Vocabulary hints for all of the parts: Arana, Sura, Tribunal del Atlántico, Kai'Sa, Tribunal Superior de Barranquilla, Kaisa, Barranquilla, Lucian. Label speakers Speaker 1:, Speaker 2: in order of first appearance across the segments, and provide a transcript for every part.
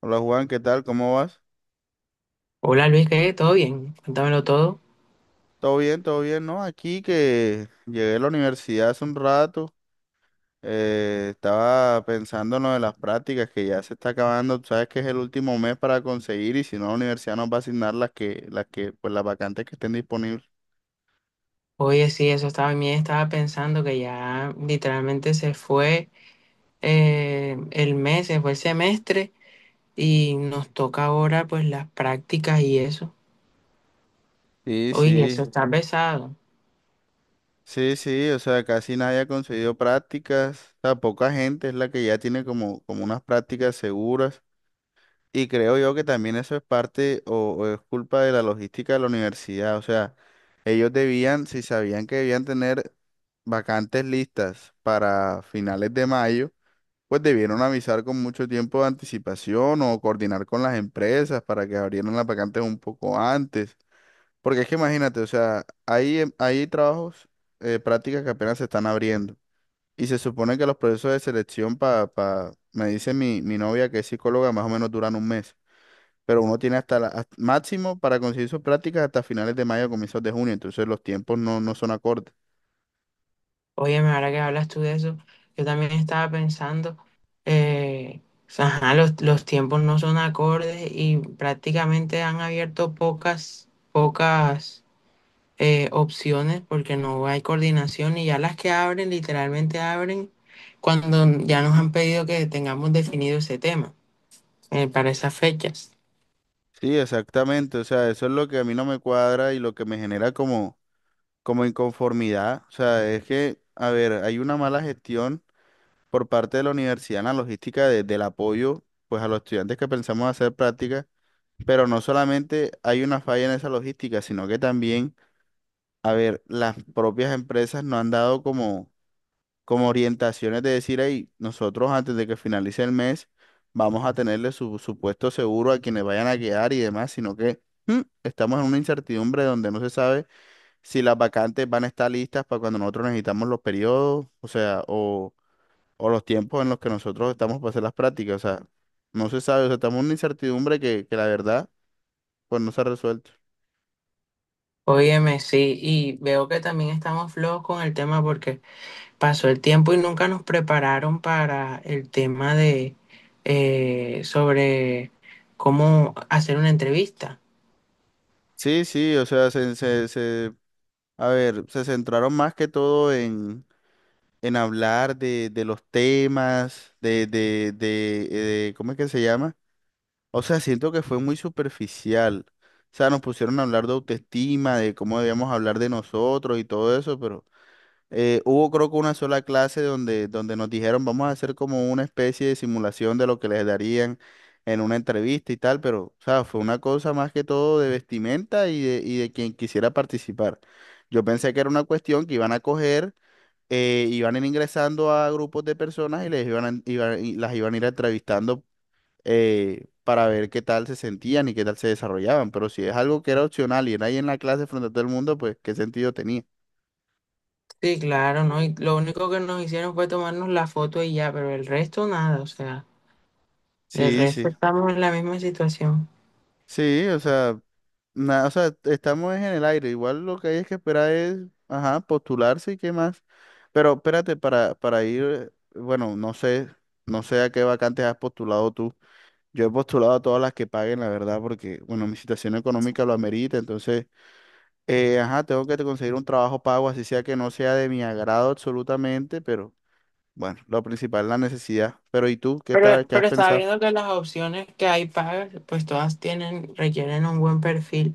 Speaker 1: Hola Juan, ¿qué tal? ¿Cómo vas?
Speaker 2: Hola Luis, ¿qué? ¿Todo bien? Cuéntamelo todo.
Speaker 1: ¿Todo bien? ¿Todo bien? No, aquí que llegué a la universidad hace un rato, estaba pensando en lo de las prácticas que ya se está acabando, tú sabes que es el último mes para conseguir y si no la universidad nos va a asignar las que, pues las vacantes que estén disponibles.
Speaker 2: Oye, sí, también estaba pensando que ya literalmente se fue el mes, se fue el semestre y nos toca ahora pues las prácticas y eso.
Speaker 1: Sí,
Speaker 2: Oye, eso
Speaker 1: sí,
Speaker 2: está pesado.
Speaker 1: sí, sí, o sea, casi nadie ha conseguido prácticas, o sea, poca gente es la que ya tiene como unas prácticas seguras y creo yo que también eso es parte o es culpa de la logística de la universidad, o sea. Ellos debían, si sabían que debían tener vacantes listas para finales de mayo, pues debieron avisar con mucho tiempo de anticipación o coordinar con las empresas para que abrieran las vacantes un poco antes. Porque es que imagínate, o sea, hay, hay trabajos, prácticas que apenas se están abriendo. Y se supone que los procesos de selección para, me dice mi novia que es psicóloga, más o menos duran un mes, pero uno tiene máximo para conseguir sus prácticas hasta finales de mayo, comienzos de junio, entonces los tiempos no son acordes.
Speaker 2: Oye, ahora que hablas tú de eso, yo también estaba pensando, eh, ajá, los tiempos no son acordes y prácticamente han abierto pocas, pocas. Opciones porque no hay coordinación y ya las que abren, literalmente abren cuando ya nos han pedido que tengamos definido ese tema para esas fechas.
Speaker 1: Sí, exactamente, o sea, eso es lo que a mí no me cuadra y lo que me genera como inconformidad, o sea, es que, a ver, hay una mala gestión por parte de la universidad en la logística del apoyo, pues a los estudiantes que pensamos hacer prácticas, pero no solamente hay una falla en esa logística, sino que también, a ver, las propias empresas no han dado como orientaciones de decir, ahí, nosotros antes de que finalice el mes vamos a tenerle supuesto seguro a quienes vayan a quedar y demás, sino que estamos en una incertidumbre donde no se sabe si las vacantes van a estar listas para cuando nosotros necesitamos los periodos, o sea, o los tiempos en los que nosotros estamos para hacer las prácticas, o sea, no se sabe, o sea, estamos en una incertidumbre que la verdad, pues no se ha resuelto.
Speaker 2: Óyeme, sí, y veo que también estamos flojos con el tema porque pasó el tiempo y nunca nos prepararon para el tema de sobre cómo hacer una entrevista.
Speaker 1: Sí, sí, o sea, a ver, se centraron más que todo en hablar de los temas, de ¿cómo es que se llama? O sea, siento que fue muy superficial. O sea, nos pusieron a hablar de autoestima, de cómo debíamos hablar de nosotros y todo eso, pero hubo creo que una sola clase donde nos dijeron vamos a hacer como una especie de simulación de lo que les darían en una entrevista y tal, pero, o sea, fue una cosa más que todo de vestimenta y de quien quisiera participar. Yo pensé que era una cuestión que iban a coger ingresando a grupos de personas y les iban, a- iban- y las iban a ir entrevistando, para ver qué tal se sentían y qué tal se desarrollaban. Pero si es algo que era opcional y era ahí en la clase frente a todo el mundo, pues qué sentido tenía.
Speaker 2: Sí, claro, ¿no? Y lo único que nos hicieron fue tomarnos la foto y ya, pero el resto nada, o sea. Del
Speaker 1: Sí,
Speaker 2: resto
Speaker 1: sí.
Speaker 2: estamos en la misma situación.
Speaker 1: Sí, o sea, o sea, estamos en el aire. Igual lo que hay es que esperar es, ajá, postularse y qué más. Pero espérate, para ir, bueno, no sé, no sé a qué vacantes has postulado tú. Yo he postulado a todas las que paguen, la verdad, porque, bueno, mi situación económica lo amerita, entonces, ajá, tengo que conseguir un trabajo pago, así sea que no sea de mi agrado absolutamente, pero bueno, lo principal es la necesidad. Pero ¿y tú qué
Speaker 2: Pero,
Speaker 1: tal, qué has
Speaker 2: pero estaba
Speaker 1: pensado?
Speaker 2: viendo que las opciones que hay pagas, pues todas tienen, requieren un buen perfil,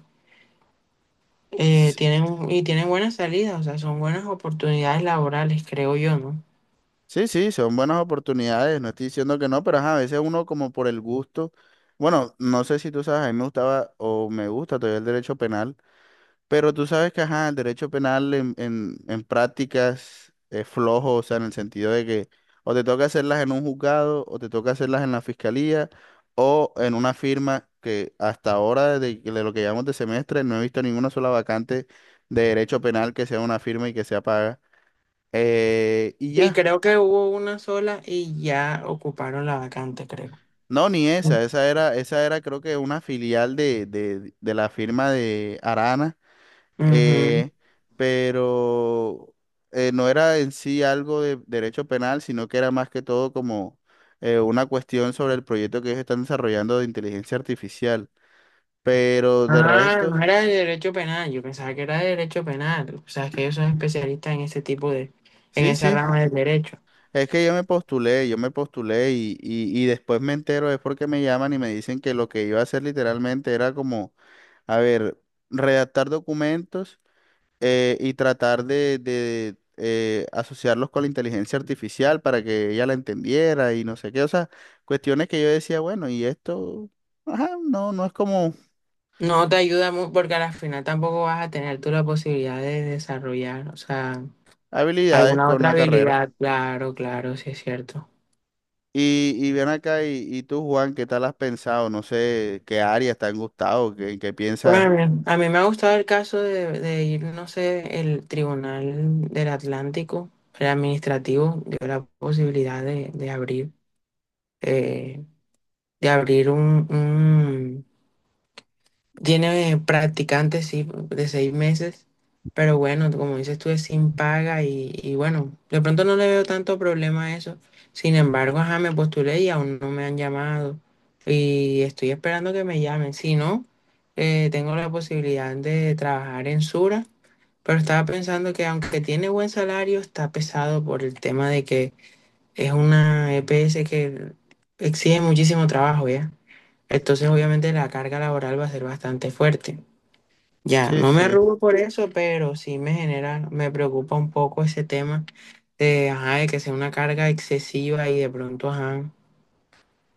Speaker 1: S-
Speaker 2: y tienen buenas salidas, o sea, son buenas oportunidades laborales, creo yo, ¿no?
Speaker 1: Sí, sí, son buenas oportunidades, no estoy diciendo que no, pero ajá, a veces uno como por el gusto, bueno, no sé si tú sabes, a mí me gustaba o me gusta todavía el derecho penal. Pero tú sabes que, ajá, el derecho penal en prácticas es flojo, o sea, en el sentido de que o te toca hacerlas en un juzgado, o te toca hacerlas en la fiscalía, o en una firma que hasta ahora, de lo que llamamos de semestre, no he visto ninguna sola vacante de derecho penal que sea una firma y que sea paga. Y
Speaker 2: Y
Speaker 1: ya,
Speaker 2: creo que hubo una sola y ya ocuparon la vacante, creo.
Speaker 1: no, ni esa, esa era creo que una filial de la firma de Arana,
Speaker 2: Ujú.
Speaker 1: eh, pero no era en sí algo de derecho penal, sino que era más que todo como una cuestión sobre el proyecto que ellos están desarrollando de inteligencia artificial. Pero de
Speaker 2: Ah,
Speaker 1: resto,
Speaker 2: no era de derecho penal, yo pensaba que era de derecho penal, o sea, es que ellos son especialistas en ese tipo de, en
Speaker 1: sí,
Speaker 2: esa
Speaker 1: sí,
Speaker 2: rama del derecho.
Speaker 1: es que yo me postulé y después me entero, es porque me llaman y me dicen que lo que iba a hacer literalmente era como, a ver, redactar documentos, y tratar de asociarlos con la inteligencia artificial para que ella la entendiera y no sé qué. O sea, cuestiones que yo decía, bueno, y esto, ajá, no, no es como
Speaker 2: No te ayuda mucho porque al final tampoco vas a tener tú la posibilidad de desarrollar, o sea,
Speaker 1: habilidades
Speaker 2: alguna
Speaker 1: con
Speaker 2: otra
Speaker 1: la carrera.
Speaker 2: habilidad, claro, claro, sí es cierto.
Speaker 1: Y ven acá, y tú, Juan, ¿qué tal has pensado? No sé qué áreas te han gustado, qué
Speaker 2: Bueno, a
Speaker 1: piensas.
Speaker 2: mí, a mí me ha gustado el caso de ir, no sé, el Tribunal del Atlántico, el administrativo, dio la posibilidad eh, de abrir Tiene practicantes, sí, de 6 meses, pero bueno, como dices tú, es sin paga y bueno, de pronto no le veo tanto problema a eso. Sin embargo, ajá, me postulé y aún no me han llamado y estoy esperando que me llamen. Si no, tengo la posibilidad de trabajar en Sura, pero estaba pensando que aunque tiene buen salario, está pesado por el tema de que es una EPS que exige muchísimo trabajo, ¿ya? Entonces, obviamente, la carga laboral va a ser bastante fuerte. Ya,
Speaker 1: Sí,
Speaker 2: no me
Speaker 1: sí.
Speaker 2: arrugo por eso, pero sí me genera, me preocupa un poco ese tema de, ajá, de que sea una carga excesiva y de pronto, ajá,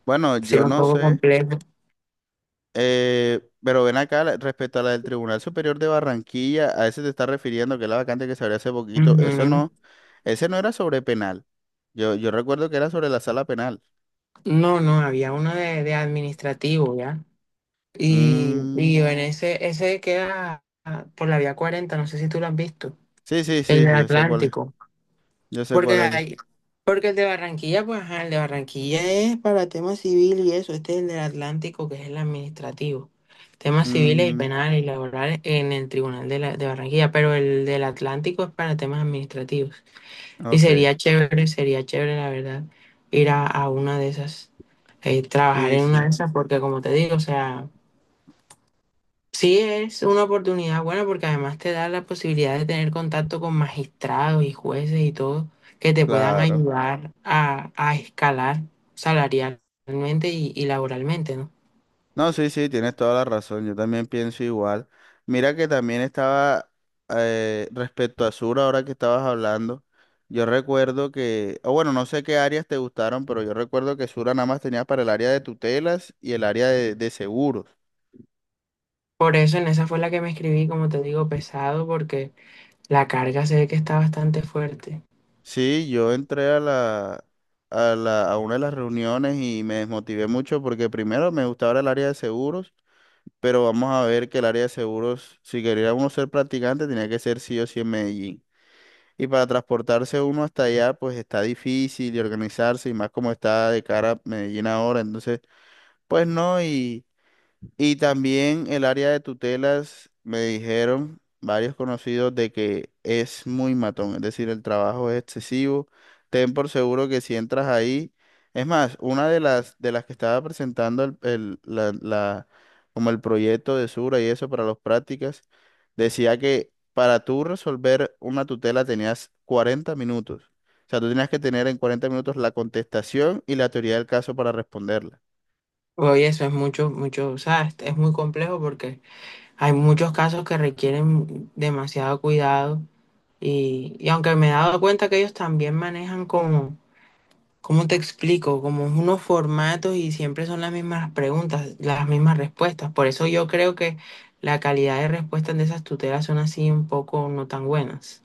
Speaker 1: Bueno,
Speaker 2: ser
Speaker 1: yo
Speaker 2: un
Speaker 1: no
Speaker 2: poco
Speaker 1: sé,
Speaker 2: complejo.
Speaker 1: pero ven acá, respecto a la del Tribunal Superior de Barranquilla, a ese te estás refiriendo, que es la vacante que se abrió hace poquito, eso
Speaker 2: Ujú.
Speaker 1: no, ese no era sobre penal. Yo recuerdo que era sobre la sala penal.
Speaker 2: No, no, había uno de administrativo, ¿ya? Y,
Speaker 1: Mm,
Speaker 2: y en ese queda por la Vía 40, no sé si tú lo has visto,
Speaker 1: sí, sí,
Speaker 2: el
Speaker 1: sí,
Speaker 2: del
Speaker 1: yo sé cuál es.
Speaker 2: Atlántico.
Speaker 1: Yo sé
Speaker 2: Porque
Speaker 1: cuál es. Yo sé.
Speaker 2: hay, porque el de Barranquilla, pues ajá, el de Barranquilla es para tema civil y eso, este es el del Atlántico, que es el administrativo. Temas civiles y
Speaker 1: Mm,
Speaker 2: penales y laborales en el Tribunal de Barranquilla, pero el del Atlántico es para temas administrativos. Y
Speaker 1: ok.
Speaker 2: sería chévere, la verdad, ir a una de esas, trabajar
Speaker 1: Sí,
Speaker 2: en una de
Speaker 1: sí,
Speaker 2: esas, porque como te digo, o sea, Sí, es una oportunidad buena porque además te da la posibilidad de tener contacto con magistrados y jueces y todo que te puedan
Speaker 1: claro.
Speaker 2: ayudar a escalar salarialmente y laboralmente, ¿no?
Speaker 1: No, sí, sí, tienes toda la razón. Yo también pienso igual. Mira que también estaba, respecto a Sur, ahora que estabas hablando. Yo recuerdo que, o bueno, no sé qué áreas te gustaron, pero yo recuerdo que Sura nada más tenía para el área de tutelas y el área de seguros.
Speaker 2: Por eso en esa fue la que me escribí, como te digo, pesado porque la carga se ve que está bastante fuerte.
Speaker 1: Sí, yo entré a la, a una de las reuniones y me desmotivé mucho porque primero me gustaba el área de seguros, pero vamos a ver que el área de seguros, si quería uno ser practicante, tenía que ser sí o sí en Medellín. Y para transportarse uno hasta allá, pues está difícil y organizarse, y más como está de cara a Medellín ahora, entonces, pues no, y… y también el área de tutelas, me dijeron varios conocidos de que es muy matón, es decir, el trabajo es excesivo. Ten por seguro que si entras ahí, es más, una de las que estaba presentando como el proyecto de Sura y eso para las prácticas, decía que para tú resolver una tutela tenías 40 minutos. O sea, tú tenías que tener en 40 minutos la contestación y la teoría del caso para responderla.
Speaker 2: Oye, eso es mucho, mucho, o sea, es muy complejo porque hay muchos casos que requieren demasiado cuidado y aunque me he dado cuenta que ellos también manejan como ¿Cómo te explico? Como unos formatos y siempre son las mismas preguntas, las mismas respuestas. Por eso yo creo que la calidad de respuestas de esas tutelas son así un poco no tan buenas.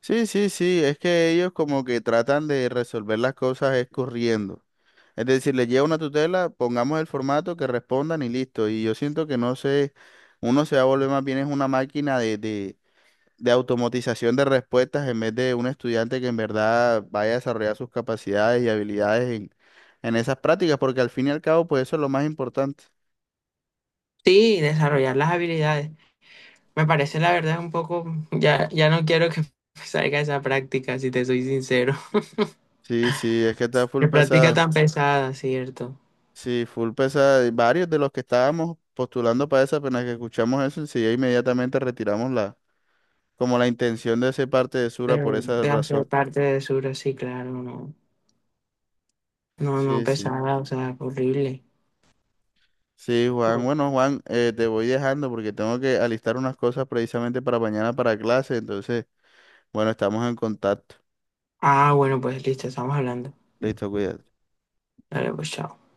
Speaker 1: Sí, sí, sí, es que ellos como que tratan de resolver las cosas es corriendo. Es decir, les lleva una tutela, pongamos el formato, que respondan y listo. Y yo siento que no sé, uno se va a volver más bien es una máquina de automatización de respuestas en vez de un estudiante que en verdad vaya a desarrollar sus capacidades y habilidades en esas prácticas, porque al fin y al cabo, pues eso es lo más importante.
Speaker 2: Sí, desarrollar las habilidades. Me parece la verdad un poco, ya, ya no quiero que salga esa práctica, si te soy sincero.
Speaker 1: Sí, sí, es que está full
Speaker 2: Qué práctica
Speaker 1: pesada.
Speaker 2: tan pesada, ¿cierto?
Speaker 1: Sí, full pesada. Y varios de los que estábamos postulando para esa, apenas que escuchamos eso, enseguida inmediatamente retiramos la, como la intención de ese parte de Sura por
Speaker 2: De,
Speaker 1: esa
Speaker 2: de hacer
Speaker 1: razón.
Speaker 2: parte de Sura, sí, claro, no. No, no,
Speaker 1: Sí, sí.
Speaker 2: pesada, o sea, horrible.
Speaker 1: Sí, Juan. Bueno, Juan, te voy dejando porque tengo que alistar unas cosas precisamente para mañana para clase. Entonces, bueno, estamos en contacto.
Speaker 2: Ah, bueno, pues listo, estamos hablando.
Speaker 1: Listo, cuídate.
Speaker 2: Dale, pues chao.